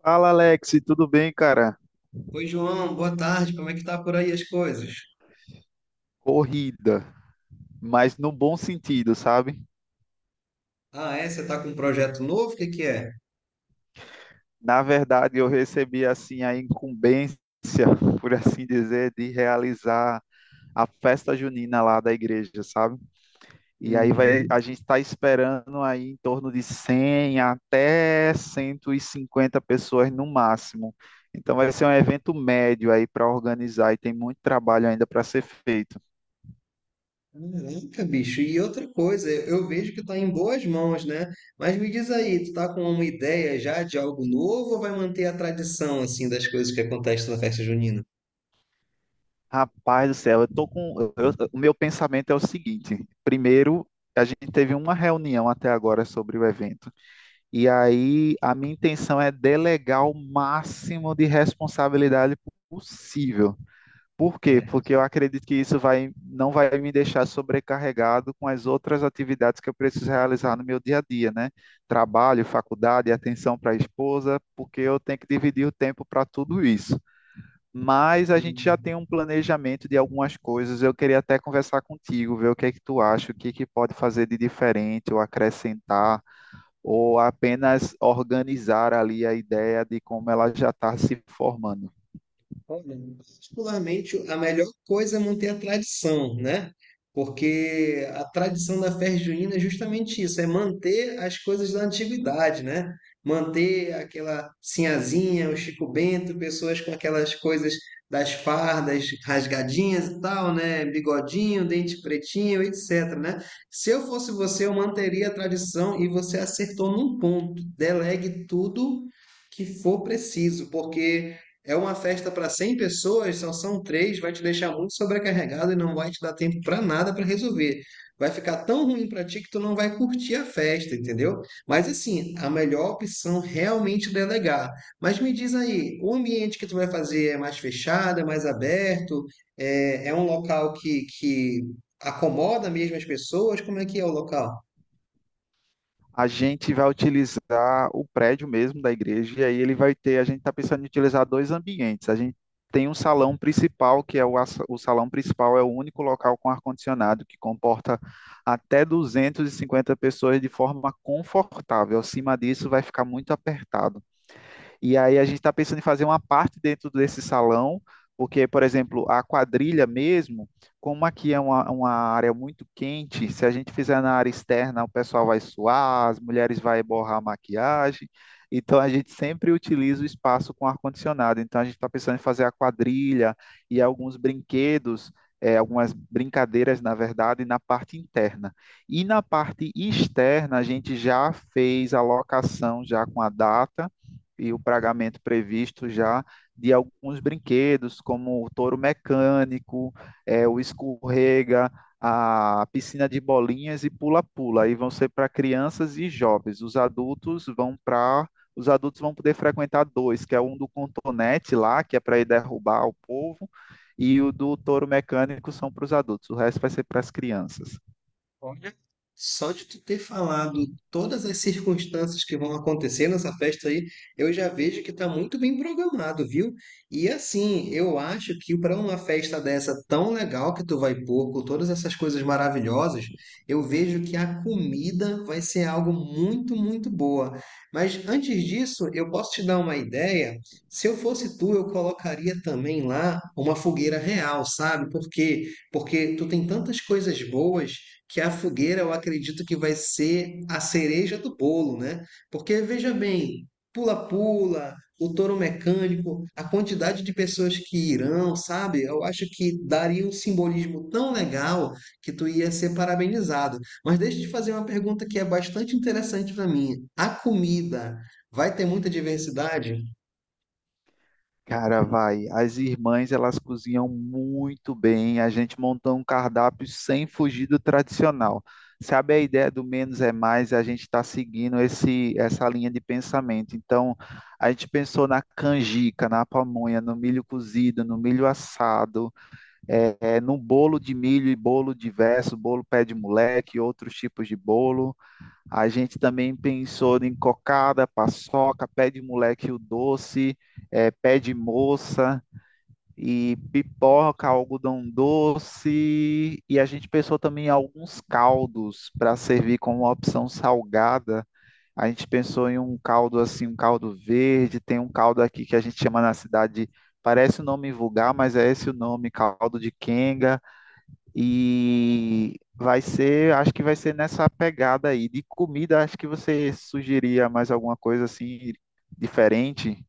Fala, Alex, tudo bem, cara? Oi, João, boa tarde. Como é que tá por aí as coisas? Corrida, mas no bom sentido, sabe? Ah, é? Você tá com um projeto novo? O que que é? Na verdade, eu recebi assim a incumbência, por assim dizer, de realizar a festa junina lá da igreja, sabe? E aí vai, Uhum. a gente está esperando aí em torno de 100 até 150 pessoas no máximo. Então vai ser um evento médio aí para organizar e tem muito trabalho ainda para ser feito. Caraca, bicho. E outra coisa, eu vejo que tá em boas mãos, né? Mas me diz aí, tu tá com uma ideia já de algo novo ou vai manter a tradição, assim, das coisas que acontecem na festa junina? Rapaz do céu, eu tô com. Eu- o meu pensamento é o seguinte: primeiro, a gente teve uma reunião até agora sobre o evento, e aí a minha intenção é delegar o máximo de responsabilidade possível. Por quê? Porque eu acredito que não vai me deixar sobrecarregado com as outras atividades que eu preciso realizar no meu dia a dia, né? Trabalho, faculdade, atenção para a esposa, porque eu tenho que dividir o tempo para tudo isso, mas a gente já Certo. tem um planejamento de algumas coisas. Eu queria até conversar contigo, ver o que é que tu acha, o que é que pode fazer de diferente ou acrescentar, ou apenas organizar ali a ideia de como ela já está se formando. Olha, particularmente, a melhor coisa é manter a tradição, né? Porque a tradição da festa junina é justamente isso, é manter as coisas da antiguidade, né? Manter aquela sinhazinha, o Chico Bento, pessoas com aquelas coisas das fardas rasgadinhas e tal, né? Bigodinho, dente pretinho, etc, né? Se eu fosse você, eu manteria a tradição e você acertou num ponto. Delegue tudo que for preciso, porque é uma festa para 100 pessoas, só são três, vai te deixar muito sobrecarregado e não vai te dar tempo para nada para resolver. Vai ficar tão ruim para ti que tu não vai curtir a festa, entendeu? Mas assim, a melhor opção realmente é delegar. Mas me diz aí, o ambiente que tu vai fazer é mais fechado, é mais aberto? É, é um local que acomoda mesmo as pessoas? Como é que é o local? A gente vai utilizar o prédio mesmo da igreja, e aí ele vai ter, a gente está pensando em utilizar dois ambientes. A gente tem um salão principal, o salão principal é o único local com ar-condicionado, que comporta até 250 pessoas de forma confortável. Acima disso, vai ficar muito apertado. E aí a gente está pensando em fazer uma parte dentro desse salão, porque, por exemplo, a quadrilha mesmo, como aqui é uma área muito quente, se a gente fizer na área externa, o pessoal vai suar, as mulheres vão borrar a maquiagem. Então a gente sempre utiliza o espaço com ar-condicionado. Então a gente está pensando em fazer a quadrilha e alguns brinquedos, algumas brincadeiras, na verdade, na parte interna. E na parte externa, a gente já fez a locação já com a data e o pagamento previsto já de alguns brinquedos, como o touro mecânico, é, o escorrega, a piscina de bolinhas e pula-pula. Aí vão ser para crianças e jovens. Os adultos vão poder frequentar dois, que é um do contonete lá, que é para ir derrubar o povo, e o do touro mecânico são para os adultos. O resto vai ser para as crianças. Só de tu ter falado todas as circunstâncias que vão acontecer nessa festa aí, eu já vejo que tá muito bem programado, viu? E assim, eu acho que para uma festa dessa tão legal que tu vai pôr, com todas essas coisas maravilhosas, eu vejo que a comida vai ser algo muito, muito boa. Mas antes disso, eu posso te dar uma ideia? Se eu fosse tu, eu colocaria também lá uma fogueira real, sabe? Por quê? Porque tu tem tantas coisas boas que a fogueira eu acredito que vai ser a cereja do bolo, né? Porque veja bem, pula-pula, o touro mecânico, a quantidade de pessoas que irão, sabe? Eu acho que daria um simbolismo tão legal que tu ia ser parabenizado. Mas deixa eu te fazer uma pergunta que é bastante interessante para mim. A comida vai ter muita diversidade? Cara, vai. As irmãs, elas cozinham muito bem. A gente montou um cardápio sem fugir do tradicional. Sabe a ideia do menos é mais? A gente está seguindo essa linha de pensamento. Então, a gente pensou na canjica, na pamonha, no milho cozido, no milho assado, no bolo de milho e bolo diverso, bolo pé de moleque, outros tipos de bolo. A gente também pensou em cocada, paçoca, pé de moleque o doce, pé de moça e pipoca, algodão doce. E a gente pensou também em alguns caldos para servir como uma opção salgada. A gente pensou em um caldo assim, um caldo verde. Tem um caldo aqui que a gente chama na cidade, parece um nome vulgar, mas é esse o nome, caldo de quenga. E vai ser, acho que vai ser nessa pegada aí. De comida, acho que você sugeria mais alguma coisa assim diferente?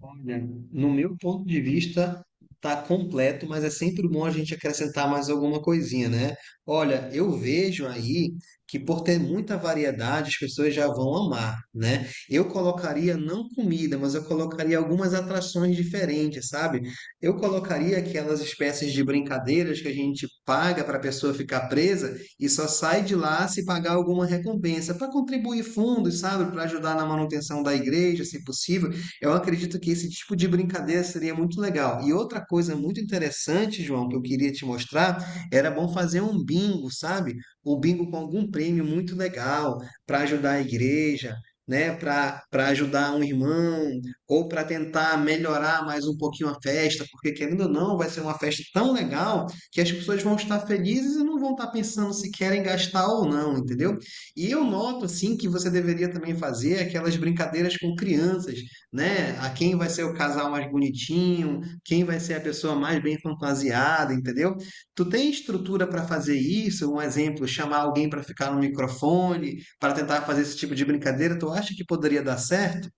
Olha, no meu ponto de vista, tá completo, mas é sempre bom a gente acrescentar mais alguma coisinha, né? Olha, eu vejo aí que por ter muita variedade, as pessoas já vão amar, né? Eu colocaria não comida, mas eu colocaria algumas atrações diferentes, sabe? Eu colocaria aquelas espécies de brincadeiras que a gente paga para a pessoa ficar presa e só sai de lá se pagar alguma recompensa, para contribuir fundos, sabe? Para ajudar na manutenção da igreja, se possível eu acredito que esse tipo de brincadeira seria muito legal. E outra coisa muito interessante, João, que eu queria te mostrar, era bom fazer um bingo, sabe? Um bingo com algum prêmio muito legal para ajudar a igreja, né? Para ajudar um irmão ou para tentar melhorar mais um pouquinho a festa, porque querendo ou não, vai ser uma festa tão legal que as pessoas vão estar felizes e não vão estar pensando se querem gastar ou não, entendeu? E eu noto assim que você deveria também fazer aquelas brincadeiras com crianças né? A quem vai ser o casal mais bonitinho, quem vai ser a pessoa mais bem fantasiada, entendeu? Tu tem estrutura para fazer isso? Um exemplo, chamar alguém para ficar no microfone, para tentar fazer esse tipo de brincadeira, tu acha que poderia dar certo?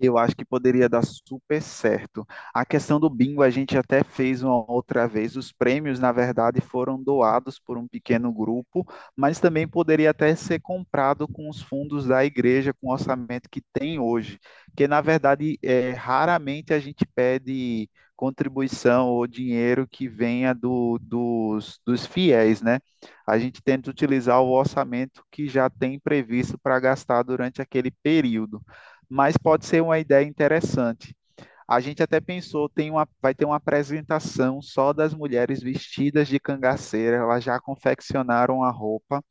Eu acho que poderia dar super certo. A questão do bingo a gente até fez uma outra vez. Os prêmios, na verdade, foram doados por um pequeno grupo, mas também poderia até ser comprado com os fundos da igreja, com o orçamento que tem hoje. Porque, na verdade, é, raramente a gente pede contribuição ou dinheiro que venha dos fiéis, né? A gente tenta utilizar o orçamento que já tem previsto para gastar durante aquele período, mas pode ser uma ideia interessante. A gente até pensou, tem uma, vai ter uma apresentação só das mulheres vestidas de cangaceira, elas já confeccionaram a roupa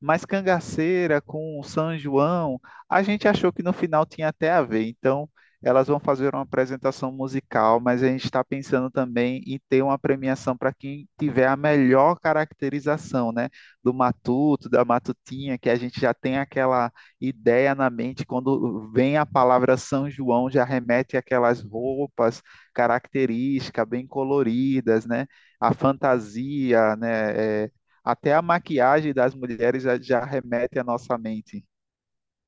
mais cangaceira com o São João, a gente achou que no final tinha até a ver. Então, elas vão fazer uma apresentação musical, mas a gente está pensando também em ter uma premiação para quem tiver a melhor caracterização, né? Do matuto, da matutinha, que a gente já tem aquela ideia na mente quando vem a palavra São João, já remete aquelas roupas características, bem coloridas, né? A fantasia, né? É, até a maquiagem das mulheres já remete à nossa mente.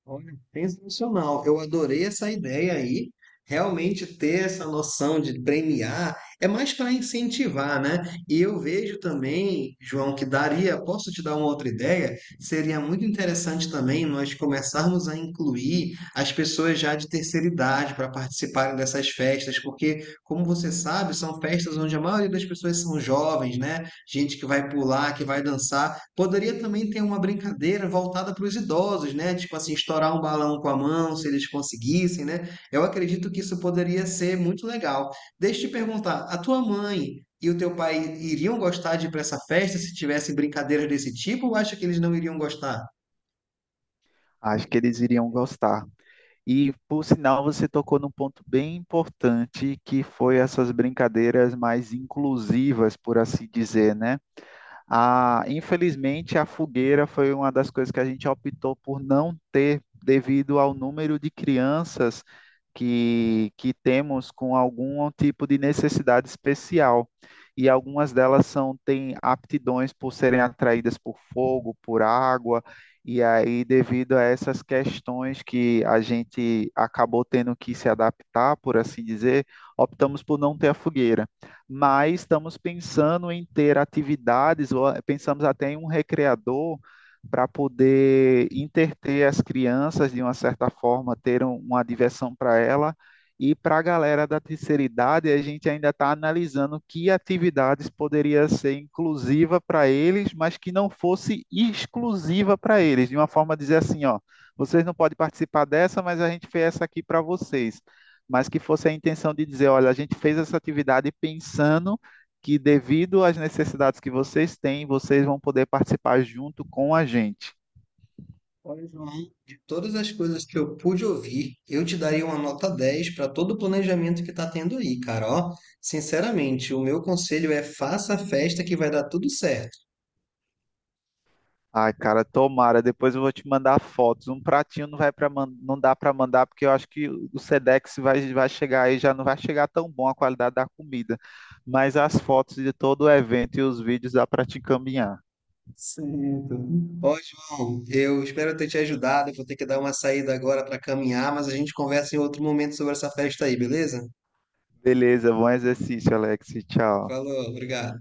Olha, sensacional. Eu adorei essa ideia aí. Realmente ter essa noção de premiar é mais para incentivar, né? E eu vejo também, João, que daria, posso te dar uma outra ideia? Seria muito interessante também nós começarmos a incluir as pessoas já de terceira idade para participarem dessas festas, porque, como você sabe, são festas onde a maioria das pessoas são jovens, né? Gente que vai pular, que vai dançar. Poderia também ter uma brincadeira voltada para os idosos, né? Tipo assim, estourar um balão com a mão, se eles conseguissem, né? Eu acredito que isso poderia ser muito legal. Deixa eu te perguntar, a tua mãe e o teu pai iriam gostar de ir para essa festa se tivessem brincadeiras desse tipo, ou acha que eles não iriam gostar? Acho que eles iriam gostar. E, por sinal, você tocou num ponto bem importante, que foi essas brincadeiras mais inclusivas, por assim dizer, né? A, infelizmente, a fogueira foi uma das coisas que a gente optou por não ter, devido ao número de crianças que temos com algum tipo de necessidade especial. E algumas delas são, têm aptidões por serem atraídas por fogo, por água, e aí, devido a essas questões que a gente acabou tendo que se adaptar, por assim dizer, optamos por não ter a fogueira, mas estamos pensando em ter atividades, ou pensamos até em um recreador para poder interter as crianças de uma certa forma, ter uma diversão para ela. E para a galera da terceira idade, a gente ainda está analisando que atividades poderia ser inclusiva para eles, mas que não fosse exclusiva para eles, de uma forma dizer assim, ó, vocês não podem participar dessa, mas a gente fez essa aqui para vocês, mas que fosse a intenção de dizer, olha, a gente fez essa atividade pensando que devido às necessidades que vocês têm, vocês vão poder participar junto com a gente. Olha, João, de todas as coisas que eu pude ouvir, eu te daria uma nota 10 para todo o planejamento que tá tendo aí, cara. Ó, sinceramente, o meu conselho é faça a festa que vai dar tudo certo. Ai, cara, tomara. Depois eu vou te mandar fotos. Um pratinho não vai para não dá para mandar porque eu acho que o Sedex vai chegar aí já não vai chegar tão bom a qualidade da comida, mas as fotos de todo o evento e os vídeos dá para te encaminhar. Certo. Ó, João, eu espero ter te ajudado. Eu vou ter que dar uma saída agora para caminhar, mas a gente conversa em outro momento sobre essa festa aí, beleza? Beleza, bom exercício, Alex. Tchau. Falou, obrigado.